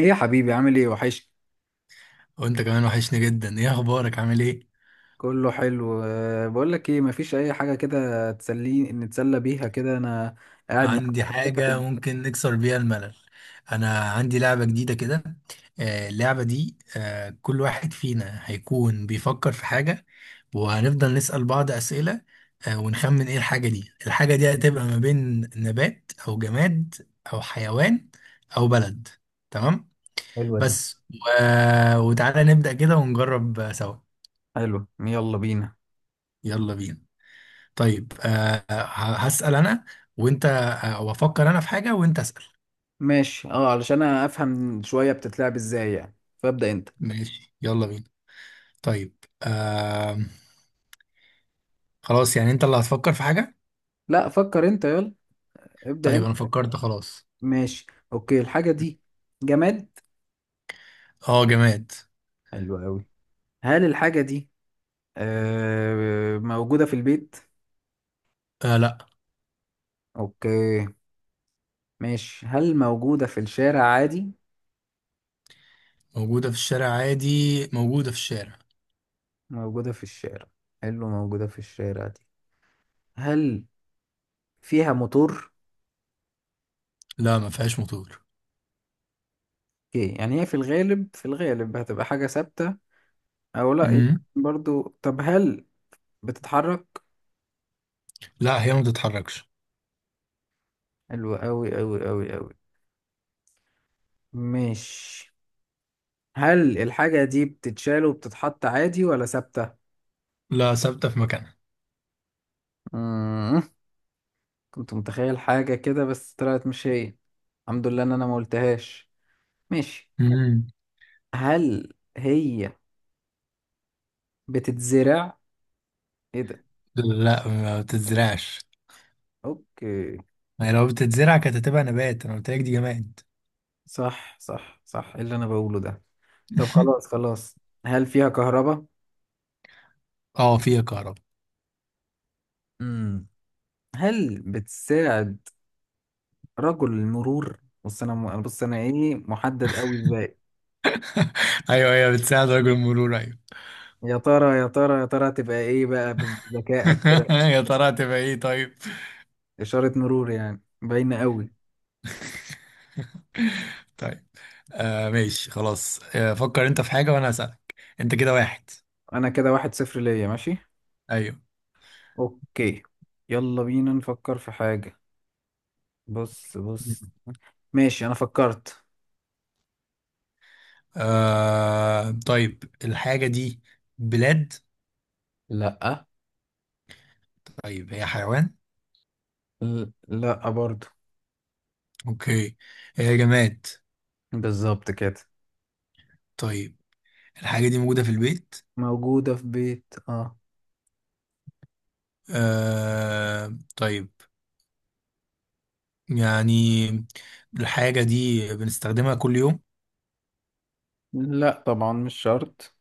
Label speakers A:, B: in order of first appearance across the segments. A: ايه يا حبيبي، عامل ايه وحش.
B: وانت كمان وحشني جدا. ايه اخبارك؟ عامل ايه؟
A: كله حلو. بقول لك ايه، مفيش اي حاجه كده تسليني نتسلى بيها كده انا قاعد معاك.
B: عندي حاجة ممكن نكسر بيها الملل. انا عندي لعبة جديدة كده. اللعبة دي كل واحد فينا هيكون بيفكر في حاجة. وهنفضل نسأل بعض أسئلة. ونخمن ايه الحاجة دي. الحاجة دي هتبقى ما بين نبات او جماد او حيوان او بلد. تمام.
A: حلوة دي.
B: بس، وتعالى نبدأ كده ونجرب سوا.
A: حلو، يلا بينا.
B: يلا بينا. طيب. هسأل أنا وأنت. وأفكر أنا في حاجة وأنت أسأل.
A: ماشي، اه، علشان انا افهم شويه بتتلعب ازاي يعني، فابدا انت.
B: ماشي، يلا بينا. طيب. آه. خلاص، يعني أنت اللي هتفكر في حاجة.
A: لا، فكر انت، يلا ابدا
B: طيب، أنا
A: انت.
B: فكرت خلاص.
A: ماشي. اوكي، الحاجه دي جماد.
B: أه، جماد.
A: حلو قوي. هل الحاجه دي موجوده في البيت؟
B: آه، لأ.
A: اوكي. ماشي، هل موجوده في الشارع عادي؟
B: موجودة في الشارع عادي. موجودة في الشارع.
A: موجودة في الشارع. حلو، موجودة في الشارع دي. هل فيها موتور؟
B: لا، ما فيهاش موتور.
A: اوكي، يعني هي في الغالب هتبقى حاجة ثابتة، أو لأ يمكن
B: مم.
A: برضو. طب هل بتتحرك؟
B: لا، هي ما بتتحركش.
A: حلو أوي أوي أوي أوي. مش هل الحاجة دي بتتشال وبتتحط عادي ولا ثابتة؟
B: لا، ثابتة في مكانها.
A: مم. كنت متخيل حاجة كده بس طلعت مش هي. الحمد لله إن أنا ما قلتهاش. ماشي.
B: مم.
A: هل هي بتتزرع؟ ايه ده؟
B: لا، ما بتتزرعش.
A: اوكي.
B: ما هي لو بتتزرع كانت هتبقى نبات. أنا قلت لك دي جماد.
A: صح صح صح، إيه اللي انا بقوله ده. طب، خلاص خلاص. هل فيها كهرباء؟
B: أه، فيها كهرباء.
A: امم هل بتساعد رجل المرور. بص انا ايه، محدد قوي ازاي.
B: أيوه، أيوه، بتساعد رجل المرور. أيوه.
A: يا ترى يا ترى يا ترى هتبقى ايه بقى بذكائك كده؟
B: يا ترى هتبقى ايه؟ طيب.
A: اشارة مرور، يعني باينة قوي.
B: طيب. ماشي. خلاص. فكر انت في حاجة وانا هسألك. انت كده واحد.
A: انا كده 1-0 ليا، ماشي.
B: ايوه.
A: اوكي، يلا بينا نفكر في حاجة. بص بص، ماشي انا فكرت.
B: طيب. الحاجة دي بلاد؟
A: لا.
B: طيب، هي حيوان؟
A: لا برضو.
B: اوكي. هي جماد؟
A: بالظبط كده.
B: طيب. الحاجة دي موجودة في البيت؟
A: موجودة في بيت، اه.
B: آه، طيب. يعني، الحاجة دي بنستخدمها كل يوم؟
A: لا طبعا، مش شرط.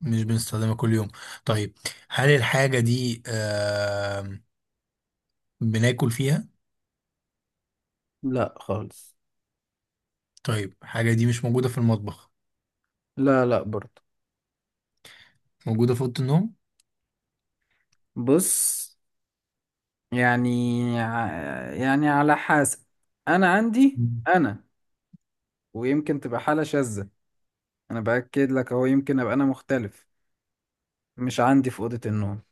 B: مش بنستخدمها كل يوم. طيب. هل الحاجة دي بناكل فيها؟
A: لا خالص.
B: طيب، الحاجة دي مش موجودة في المطبخ؟
A: لا لا برضه.
B: موجودة في أوضة النوم؟
A: بص، يعني يعني على حسب، انا عندي
B: مم.
A: انا. ويمكن تبقى حالة شاذة. انا باكد لك اهو، يمكن ابقى انا مختلف. مش عندي في أوضة النوم.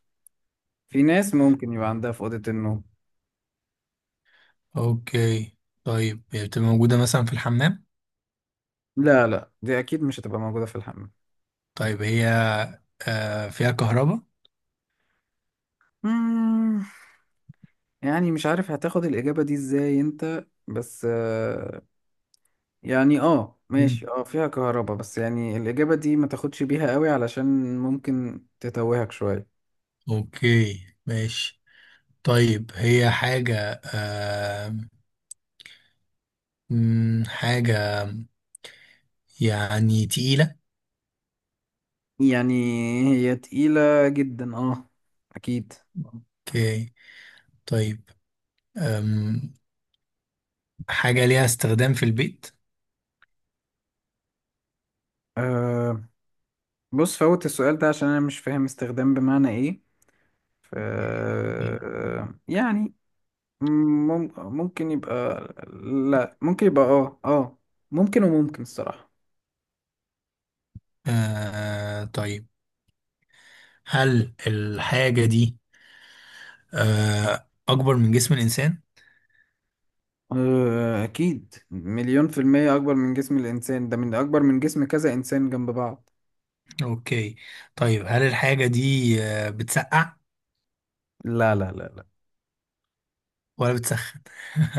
A: في ناس ممكن يبقى عندها في أوضة النوم.
B: اوكي. طيب، هي بتبقى موجودة مثلا في الحمام؟
A: لا لا، دي اكيد مش هتبقى موجودة في الحمام.
B: طيب، هي فيها كهرباء؟
A: مم، يعني مش عارف هتاخد الإجابة دي ازاي انت بس، يعني اه ماشي،
B: مم.
A: اه فيها كهرباء، بس يعني الإجابة دي ما تاخدش بيها قوي علشان ممكن تتوهك شوية.
B: اوكي، ماشي. طيب، هي حاجة حاجة يعني تقيلة؟
A: يعني هي تقيلة جدا، اه أكيد.
B: اوكي. طيب. أم حاجة ليها استخدام في البيت؟
A: آه بص فوت السؤال ده عشان أنا مش فاهم استخدام بمعنى إيه. ف
B: إيه.
A: يعني ممكن يبقى، لا ممكن يبقى اه اه، ممكن وممكن الصراحة.
B: آه، طيب. هل الحاجة دي أكبر من جسم الإنسان؟
A: أكيد مليون في المية أكبر من جسم الإنسان، ده من أكبر من جسم كذا إنسان جنب بعض.
B: اوكي. طيب، هل الحاجة دي بتسقع
A: لا لا لا لا.
B: ولا بتسخن؟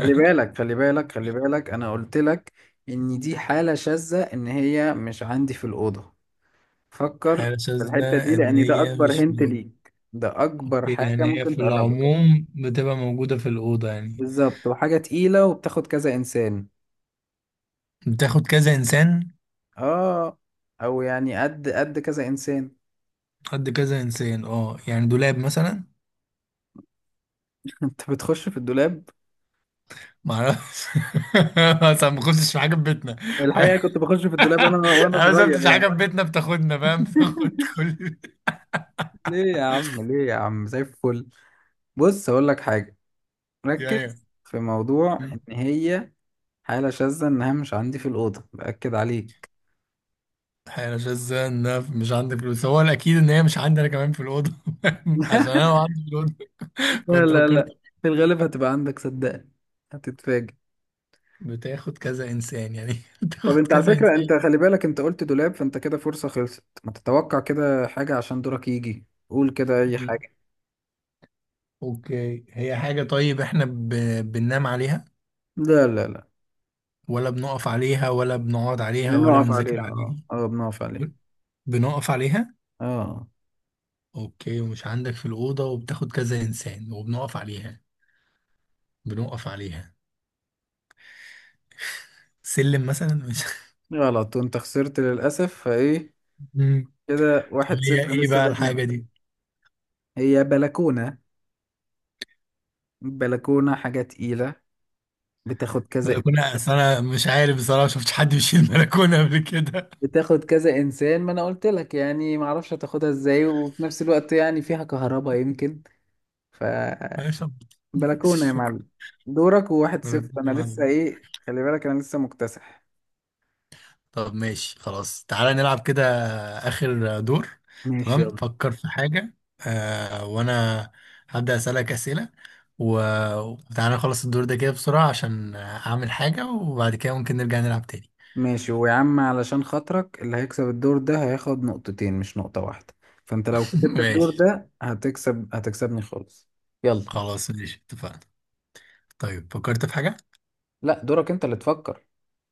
A: خلي بالك خلي بالك خلي بالك، انا قلت لك ان دي حالة شاذة، ان هي مش عندي في الأوضة. فكر
B: حاجة
A: في الحتة دي،
B: شاذة ان
A: لان ده
B: هي
A: اكبر
B: مش في
A: هنت
B: الأوضة.
A: ليك، ده اكبر
B: اوكي،
A: حاجة
B: يعني هي
A: ممكن
B: في
A: تقربك.
B: العموم بتبقى موجودة في الأوضة يعني؟
A: بالظبط، وحاجة تقيلة وبتاخد كذا انسان،
B: بتاخد كذا انسان.
A: اه. او يعني قد قد كذا انسان.
B: قد كذا انسان. اه، يعني دولاب مثلا؟
A: انت بتخش في الدولاب؟
B: معرفش. اصلا ما كنتش في حاجة في بيتنا. ف-
A: الحقيقة كنت بخش في الدولاب انا وانا
B: انا ما
A: صغير،
B: شفتش
A: يعني.
B: حاجة في بيتنا بتاخدنا، فاهم؟ بتاخد كل.
A: ليه يا عم، ليه يا عم، زي الفل. بص اقول لك حاجة.
B: ايوه.
A: ركز في موضوع ان هي حالة شاذة، إنها مش عندي في الأوضة، بأكد عليك.
B: انا مش، ازاي ان أنا مش عندي فلوس؟ هو الاكيد ان هي مش عندي انا كمان في الاوضه. عشان انا لو عندي في الاوضه،
A: لا لا
B: كنت
A: لا لا.
B: فكرت.
A: في الغالب هتبقى عندك، صدقني، هتتفاجئ.
B: بتاخد كذا انسان يعني.
A: طب
B: بتاخد
A: أنت على
B: كذا
A: فكرة،
B: انسان.
A: أنت خلي بالك، أنت قلت دولاب فأنت كده فرصة خلصت، ما تتوقع كده حاجة، عشان دورك يجي قول كده أي
B: مم.
A: حاجة.
B: اوكي، هي حاجه. طيب احنا بننام عليها؟
A: لا لا لا.
B: ولا بنقف عليها ولا بنقعد عليها ولا
A: بنقف
B: بنذاكر
A: عليها، اه
B: عليها؟
A: اه، بنقف عليها،
B: بنقف عليها.
A: اه.
B: اوكي، ومش عندك في الاوضه وبتاخد كذا انسان وبنقف عليها. بنقف عليها. سلم مثلا؟ مش.
A: غلط، وأنت خسرت للأسف، فإيه
B: مم.
A: كده
B: طب
A: 1-0
B: هي ايه
A: لسه
B: بقى
A: زي ما
B: الحاجه
A: أنا.
B: دي؟
A: هي بلكونة، بلكونة حاجة تقيلة، بتاخد كذا،
B: بلكونة؟ أصل أنا مش عارف، بصراحة شفتش حد بيشيل بلكونة قبل كده.
A: بتاخد كذا انسان. ما انا قلت لك يعني، ما اعرفش هتاخدها ازاي، وفي نفس الوقت يعني فيها كهرباء يمكن. ف
B: ماشي.
A: بلكونه يا
B: شكرا.
A: معلم. دورك، وواحد صفر انا
B: بلكونة
A: لسه،
B: معلومة.
A: ايه خلي بالك انا لسه مكتسح.
B: طب، ماشي، خلاص. تعالى نلعب كده. آخر دور.
A: ماشي
B: تمام.
A: يلا.
B: فكر في حاجة. وأنا هبدأ أسألك أسئلة. وتعالى نخلص الدور ده كده بسرعة عشان أعمل حاجة. وبعد كده ممكن نرجع نلعب تاني.
A: ماشي، ويا عم علشان خاطرك اللي هيكسب الدور ده هياخد نقطتين مش نقطة واحدة. فانت لو كسبت الدور
B: ماشي.
A: ده هتكسبني خالص. يلا.
B: خلاص، ماشي، اتفقنا. طيب، فكرت في حاجة؟
A: لا، دورك انت اللي تفكر.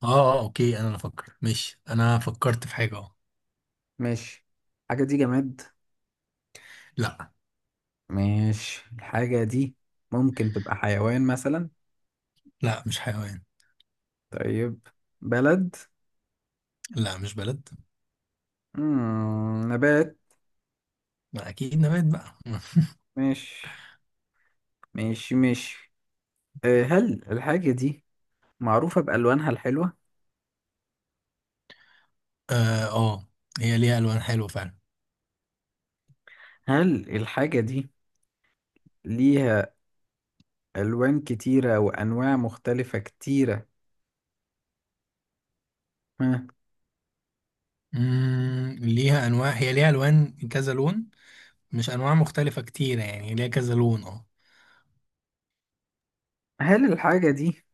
B: اه. اه، اوكي، انا اللي افكر. ماشي، انا فكرت في حاجة. اه.
A: ماشي، الحاجة دي جماد؟
B: لا،
A: ماشي، الحاجة دي ممكن تبقى حيوان مثلا؟
B: لا، مش حيوان.
A: طيب، بلد؟
B: لا، مش بلد.
A: مم. نبات؟
B: ما اكيد نبات بقى.
A: مش مش مش أه هل الحاجة دي معروفة بألوانها الحلوة؟
B: اه. هي ليها الوان حلوه فعلا.
A: هل الحاجة دي ليها ألوان كتيرة وأنواع مختلفة كتيرة؟ ها.
B: ليها انواع. هي ليها الوان كذا لون. مش انواع مختلفه كتيره، يعني ليها كذا لون. اه.
A: هل الحاجة دي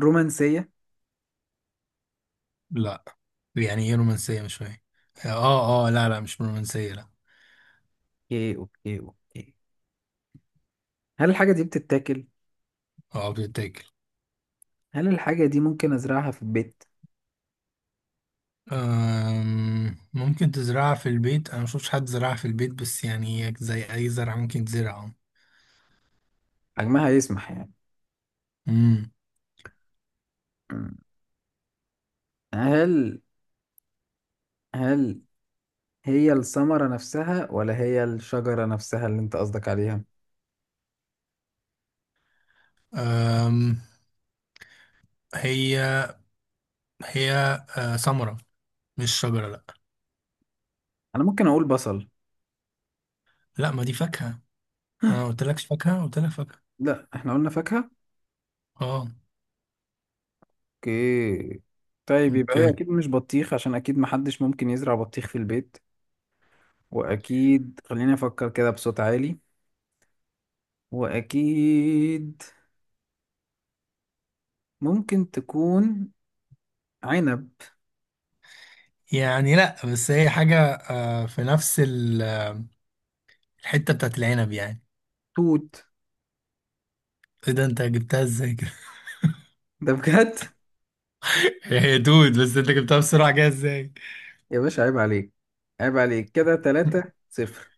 A: رومانسية؟
B: لا. يعني ايه رومانسيه؟ مش فاهم. اه، اه، لا، لا، مش رومانسيه، لا.
A: اوكي اوكي اوكي. هل الحاجة دي بتتاكل؟
B: اه، بتتاكل.
A: هل الحاجة دي ممكن أزرعها في البيت؟
B: ممكن تزرعها في البيت. انا مشوفش حد زرعها في البيت، بس يعني هي زي اي زرعه ممكن تزرعها.
A: حجمها يسمح يعني.
B: امم.
A: مم. هل هل هي الثمرة نفسها ولا هي الشجرة نفسها اللي أنت قصدك عليها؟
B: هي هي ثمره. مش شجره، لا.
A: انا ممكن اقول بصل.
B: لا، ما دي فاكهه. انا قلت لك فاكهه، قلت لك فاكهه.
A: لا، احنا قلنا فاكهة.
B: اه.
A: اوكي. طيب، يبقى هي
B: اوكي.
A: اكيد مش بطيخ عشان اكيد محدش ممكن يزرع بطيخ في البيت. واكيد، خليني افكر كده بصوت عالي. واكيد ممكن تكون عنب.
B: يعني لا، بس هي حاجه في نفس الحته بتاعت العنب يعني.
A: توت.
B: ايه ده؟ انت جبتها ازاي كده؟
A: ده بجد.
B: هي دود، بس انت جبتها بسرعه كده ازاي؟
A: يا باشا، عيب عليك. عيب عليك، كده تلاتة صفر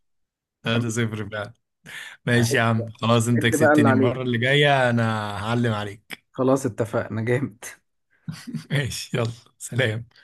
A: تمام.
B: هذا صفر فعلا. ماشي
A: عد
B: يا عم،
A: بقى.
B: خلاص. انت
A: عد بقى اللي
B: كسبتني. المره
A: عليك.
B: اللي جايه انا. هعلم عليك.
A: خلاص، اتفقنا جامد.
B: ماشي، يلا. سلام.